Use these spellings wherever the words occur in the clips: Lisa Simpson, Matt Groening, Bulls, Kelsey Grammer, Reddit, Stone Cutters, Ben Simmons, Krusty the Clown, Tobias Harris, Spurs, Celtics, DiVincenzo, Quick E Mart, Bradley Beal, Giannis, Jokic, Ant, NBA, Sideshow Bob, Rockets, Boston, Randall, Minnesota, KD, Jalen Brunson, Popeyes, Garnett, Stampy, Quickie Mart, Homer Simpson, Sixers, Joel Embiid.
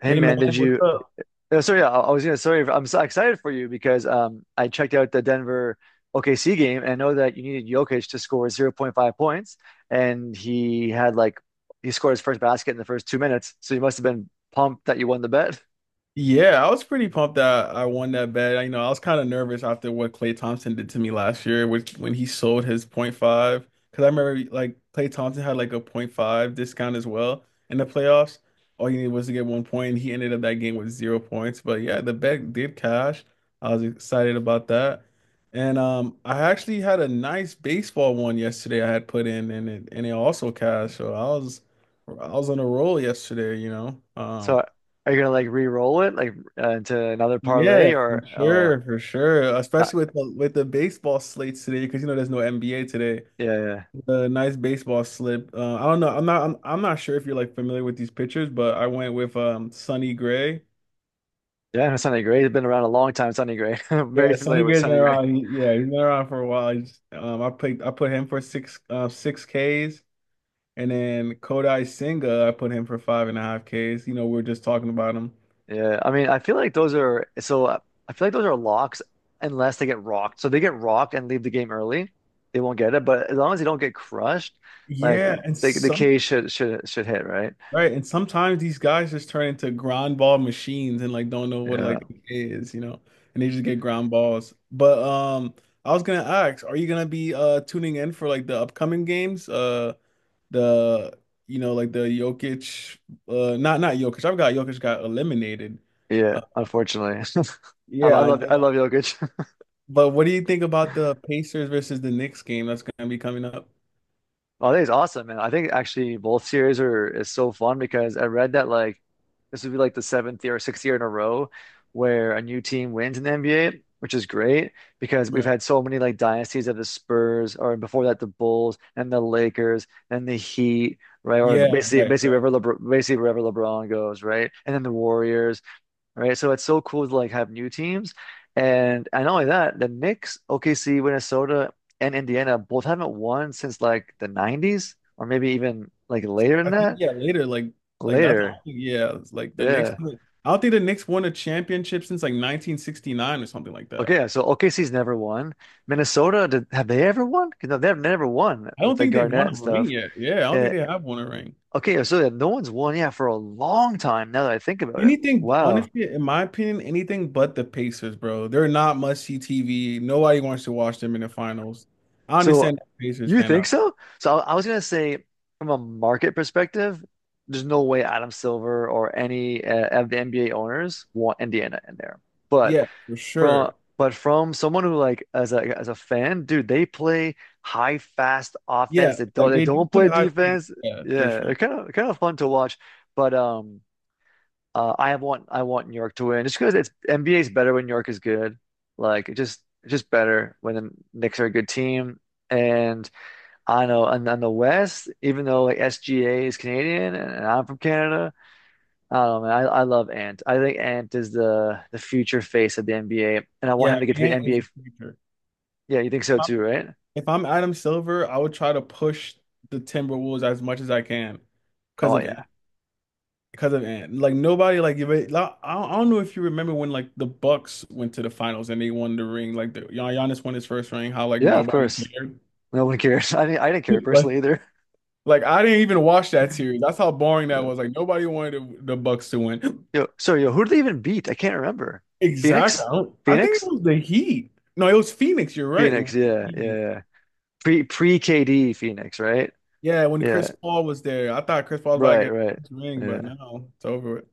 Hey Hey man, man, did what's you? up? So yeah, I was gonna. Sorry, I'm so excited for you because I checked out the Denver OKC game and I know that you needed Jokic to score zero point 0.5 points, and he had like he scored his first basket in the first 2 minutes, so you must have been pumped that you won the bet. Yeah, I was pretty pumped that I won that bet. I was kind of nervous after what Klay Thompson did to me last year, which when he sold his point five. Because I remember like Klay Thompson had like a point five discount as well in the playoffs. All you needed was to get 1 point, and he ended up that game with 0 points. But yeah, the bet did cash. I was excited about that, and I actually had a nice baseball one yesterday. I had put in, and it also cashed. So I was on a roll yesterday. So are you gonna like re-roll it like into another Yeah, parlay for or. Oh, sure, for sure. that, Especially with the baseball slates today, because there's no NBA today. yeah, yeah. The nice baseball slip. I don't know. I'm not. I'm not sure if you're like familiar with these pitchers, but I went with Sonny Gray. Yeah, no, Sonny Gray. It's been around a long time, Sonny Gray. I'm very Yeah, Sonny familiar with Gray's been Sonny Gray. around. Yeah, he's been around for a while. I picked. I put him for six Ks, and then Kodai Senga. I put him for 5.5 Ks. You know, we are just talking about him. Yeah, I mean, I feel like those are so. I feel like those are locks unless they get rocked. So if they get rocked and leave the game early, they won't get it. But as long as they don't get crushed, like Yeah, and the some. K should hit, right? Right, and sometimes these guys just turn into ground ball machines and like don't know what Yeah, like it is, and they just get ground balls. But I was gonna ask, are you gonna be tuning in for like the upcoming games? The like the Jokic, not Jokic. I've got Jokic got eliminated. yeah. Uh, Unfortunately, I, yeah, I I love know. I love Jokic. But what do you think about the Pacers versus the Knicks game that's gonna be coming up? Oh, I think it's awesome, man. I think actually both series are is so fun because I read that like this would be like the seventh year or sixth year in a row where a new team wins in the NBA, which is great because we've Right. had so many like dynasties of the Spurs or before that the Bulls and the Lakers and the Heat, right? Or Yeah, basically right, right. Basically wherever LeBron goes, right? And then the Warriors, right? So it's so cool to like have new teams. And not only that, the Knicks, OKC, Minnesota, and Indiana both haven't won since like the 90s or maybe even like later than I think that. yeah, later like that. I Later. don't think yeah, it's like the Knicks. Yeah. I don't think the Knicks won a championship since like 1969 or something like that. Okay, yeah, so OKC's never won. Minnesota, have they ever won? 'Cause no, they've never won I with don't like think they've Garnett won and a ring stuff. yet. Yeah, I don't think Uh, they have won a ring. okay, yeah, so yeah, no one's won, yeah, for a long time now that I think about it. Anything, Wow. honestly, in my opinion, anything but the Pacers, bro. They're not must see TV. Nobody wants to watch them in the finals. I So understand that Pacers you fan think out. so? So I was gonna say from a market perspective, there's no way Adam Silver or any of the NBA owners want Indiana in there. But Yeah, for from sure. Someone who like as a fan, dude, they play high fast offense. Yeah, They don't like they they do don't play play high defense. pace. Yeah, for Yeah, sure. they're kind of fun to watch. But I want New York to win. Just because it's NBA is better when New York is good. Like it's just better when the Knicks are a good team. And I know, and on the West, even though like SGA is Canadian and I'm from Canada, I don't know, man. I love Ant. I think Ant is the future face of the NBA, and I want Yeah, him to get to the Ant is NBA. the future. Yeah, you think so too, right? If I'm Adam Silver, I would try to push the Timberwolves as much as I can because Oh of yeah, because of Ant. Like nobody like if it- like, I don't know if you remember when like the Bucks went to the finals and they won the ring like the Giannis won his first ring how like yeah, of nobody course. cared. No one cares. I didn't care Like personally either. like I didn't even watch that series. That's how boring that was. Like nobody wanted the Bucks to win. Yo, so, yo, who did they even beat? I can't remember. Exactly. Phoenix? I, don't, I think it Phoenix? was the Heat. No, it was Phoenix. You're right. It was Phoenix, yeah, yeah, Phoenix. yeah. Pre KD Phoenix, right? Yeah, when Chris Yeah, Paul was there, I thought Chris Paul was about to right, get right. his ring, but Yeah, no, it's over with.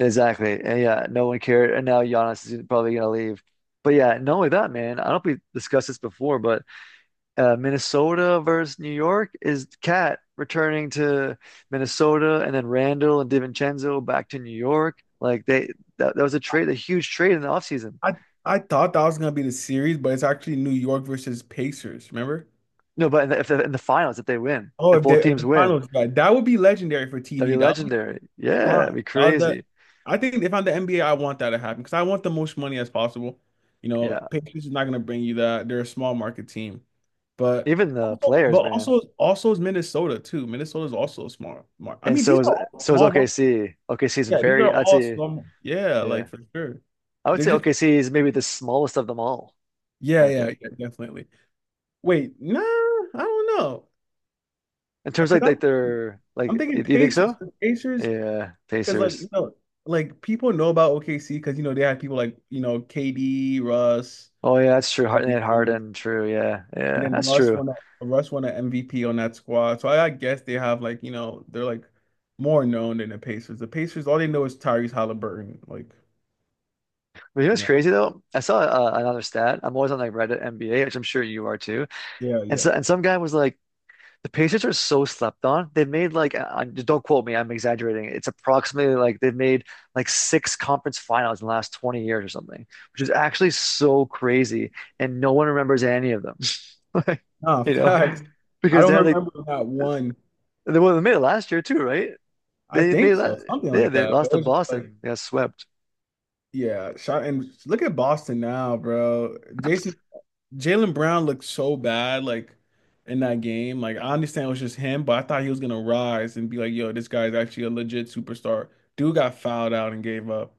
exactly. And yeah, no one cared. And now Giannis is probably gonna leave. But yeah, not only that, man. I don't know if we discussed this before, but Minnesota versus New York is Cat returning to Minnesota, and then Randall and DiVincenzo back to New York. Like that was a trade, a huge trade in the offseason. I I thought that was gonna be the series, but it's actually New York versus Pacers. Remember? No, but in the finals, if they win, Oh, if if both they if teams the win, finals, right? That would be legendary for that'd be TV. That would be legendary. Yeah, it'd prime. be That was the. crazy. I think if I'm the NBA, I want that to happen because I want the most money as possible. You know, Yeah, Pacers is not gonna bring you that. They're a small market team, but even the also, but players, man. also also is Minnesota too. Minnesota is also a small market. I And mean, so these is are all so is small market. OKC. OKC is Yeah, these are very, I'd all say, small. Yeah, yeah, like for sure. I would They're say just OKC is maybe the smallest of them all yeah, yeah, market yeah, definitely. Wait, nah, I don't know. in terms of Because like I'm their I'm like. thinking Do you think Pacers. so? 'Cause Pacers, Yeah, because like Pacers. you know, like people know about OKC because you know they had people like you know KD, Russ, Oh yeah, that's true. Hard um, and had and Harden. True. Yeah, yeah, then that's true. Russ won an MVP on that squad. So I guess they have like you know they're like more known than the Pacers. The Pacers, all they know is Tyrese Halliburton. Like But you know what's yeah, crazy though? I saw another stat. I'm always on like Reddit NBA, which I'm sure you are too. yeah, And yeah. so and some guy was like, the Pacers are so slept on. They've made like, I, don't quote me, I'm exaggerating. It's approximately like they've made like six conference finals in the last 20 years or something, which is actually so crazy. And no one remembers any of them. Like, Nah, you know, facts. I because they don't had like remember that one. they, well, they made it last year too, right? I They made think that, so, something yeah, like they that. But lost it to was just like Boston. They got swept. yeah, shot and look at Boston now, bro. Jason Jalen Brown looked so bad, like in that game. Like I understand it was just him, but I thought he was gonna rise and be like, "Yo, this guy's actually a legit superstar." Dude got fouled out and gave up.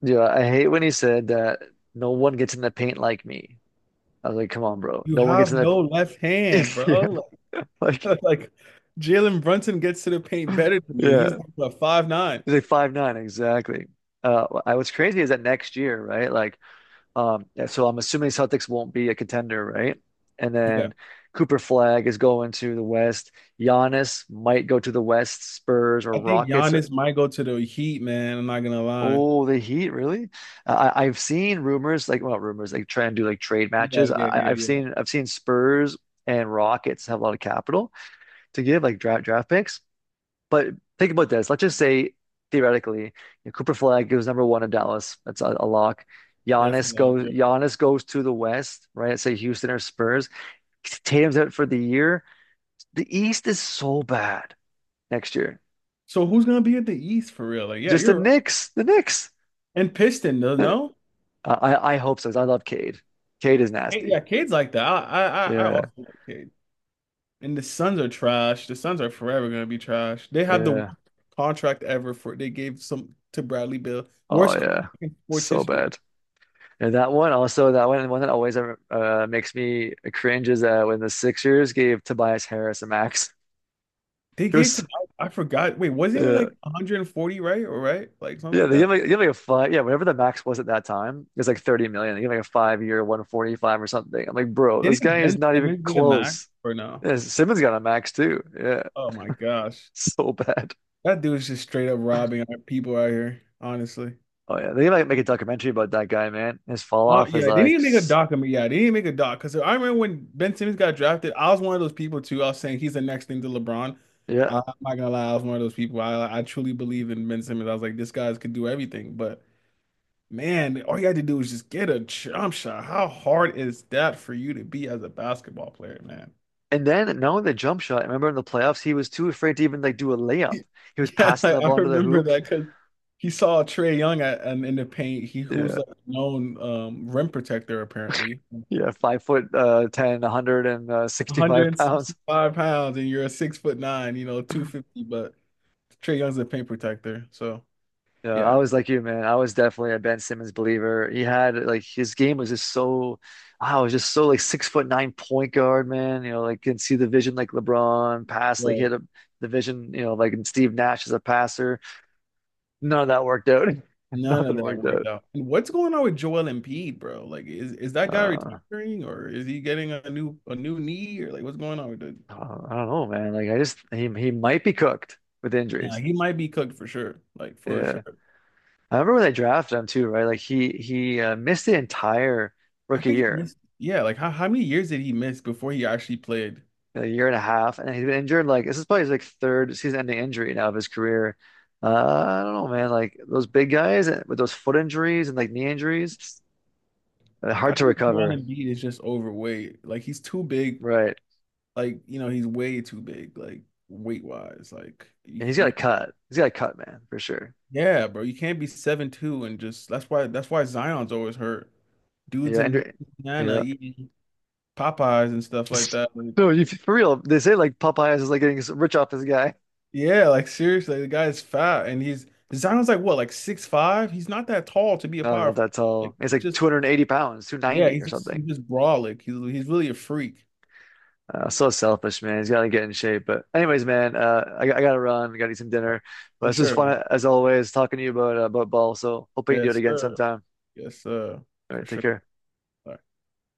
Yeah, I hate when he said that no one gets in the paint like me. I was like, come on, bro. You No one gets have in that. no left hand, Yeah. bro. Like, Like, like Jalen Brunson gets to the paint better than you, and he's yeah. like what, 5'9". He's like 5'9", exactly. What's crazy is that next year, right? Like, yeah, so I'm assuming Celtics won't be a contender, right? And Yeah, then Cooper Flag is going to the West. Giannis might go to the West, Spurs or I think Rockets or. Giannis might go to the Heat, man. I'm not gonna lie. Oh, the Heat, really? I've seen rumors like, well, rumors like try and do like trade Yeah, matches. yeah, I, yeah, I've yeah. seen I've seen Spurs and Rockets have a lot of capital to give, like draft picks. But think about this. Let's just say theoretically, Cooper Flag goes number one in Dallas. That's a lock. That's a Giannis lot. goes. Yeah. Giannis goes to the West, right? Say Houston or Spurs. Tatum's out for the year. The East is so bad next year. So who's gonna be at the East for real? Like, yeah, Just the you're Knicks. The Knicks. and Piston, no, Uh, no? I hope so. 'Cause I love Cade. Cade is Hey, nasty. yeah, Cade's like that. I Yeah. also like Cade. And the Suns are trash. The Suns are forever gonna be trash. They have the worst Yeah. contract ever for they gave some to Bradley Beal, Oh worst contract yeah. in sports So history. bad. And that one that always makes me cringe is when the Sixers gave Tobias Harris a max. They It gave was, to I forgot. Wait, wasn't it yeah. like 140, right? Or right? Like something Yeah, like they give that. like they give like a five yeah, whatever the max was at that time, it was like 30 million. They give like a 5 year 145 or something. I'm like, bro, this Didn't guy is Ben not even Simmons get a max close. or no? Yeah, Simmons got a max too. Yeah. Oh my gosh. So bad. That dude is just straight up robbing our people out here, honestly. Oh yeah. They like make a documentary about that guy, man. His fall Oh off is yeah, they need like to make a doc on me. Yeah, they need to make a doc because I remember when Ben Simmons got drafted, I was one of those people too. I was saying he's the next thing to LeBron. yeah. I'm not gonna lie, I was one of those people. I truly believe in Ben Simmons. I was like, this guy's could do everything. But man, all you had to do was just get a jump shot. How hard is that for you to be as a basketball player, man? And then now the jump shot. I remember in the playoffs, he was too afraid to even like do a layup. He was Yeah, passing like, the I ball into the remember hoop. that because he saw Trey Young at, and in the paint. He who's Yeah. like a known rim protector apparently. Yeah. 5 foot 10, 165 165 pounds. pounds and you're a 6'9", you know, 250, but Trey Young's a paint protector. So Yeah, yeah, I was like you, man. I was definitely a Ben Simmons believer. He had like his game was just so, I was just so like 6 foot nine point guard, man. You know, like can see the vision like LeBron pass, like well, hit a, the vision, you know, like and Steve Nash as a passer. None of that worked out. none of Nothing that worked worked out. out. And what's going on with Joel Embiid, bro? Like, is that guy Uh, retiring or is he getting a new knee or like what's going on with the I don't know, man. Like I just he might be cooked with yeah, injuries. he might be cooked for sure. Like for Yeah, sure. I remember when they drafted him too, right? Like he missed the entire I rookie think he year. missed Yeah, like how many years did he miss before he actually played? A year and a half, and he's been injured. Like this is probably his like third season-ending injury now of his career. I don't know, man. Like those big guys with those foot injuries and like knee injuries, I hard to think Joel recover, Embiid is just overweight. Like he's too big. right? Like, you know, he's way too big, like weight wise. Like you, And he's got to you cut. He's got to cut, man, for sure. Yeah, bro. You can't be 7'2" and just that's why Zion's always hurt. Dudes Yeah, in Andrew, Louisiana yeah. eating Popeyes and stuff like that. Like, No, you for real. They say like Popeyes is like getting rich off this guy. yeah, like seriously, the guy is fat and he's Zion's like what, like 6'5"? He's not that tall to be a No, he's power not forward. that tall. Like He's he's like just 280 pounds, Yeah, 290 or he's just he's something. just brolic. He's really a freak. So selfish, man. He's gotta get in shape. But anyways, man, I gotta run. I gotta eat some dinner. But For this was sure, fun man. as always, talking to you about about ball. So hoping you do it Yes, again sir. sometime. Yes, sir. All For right, take sure. care.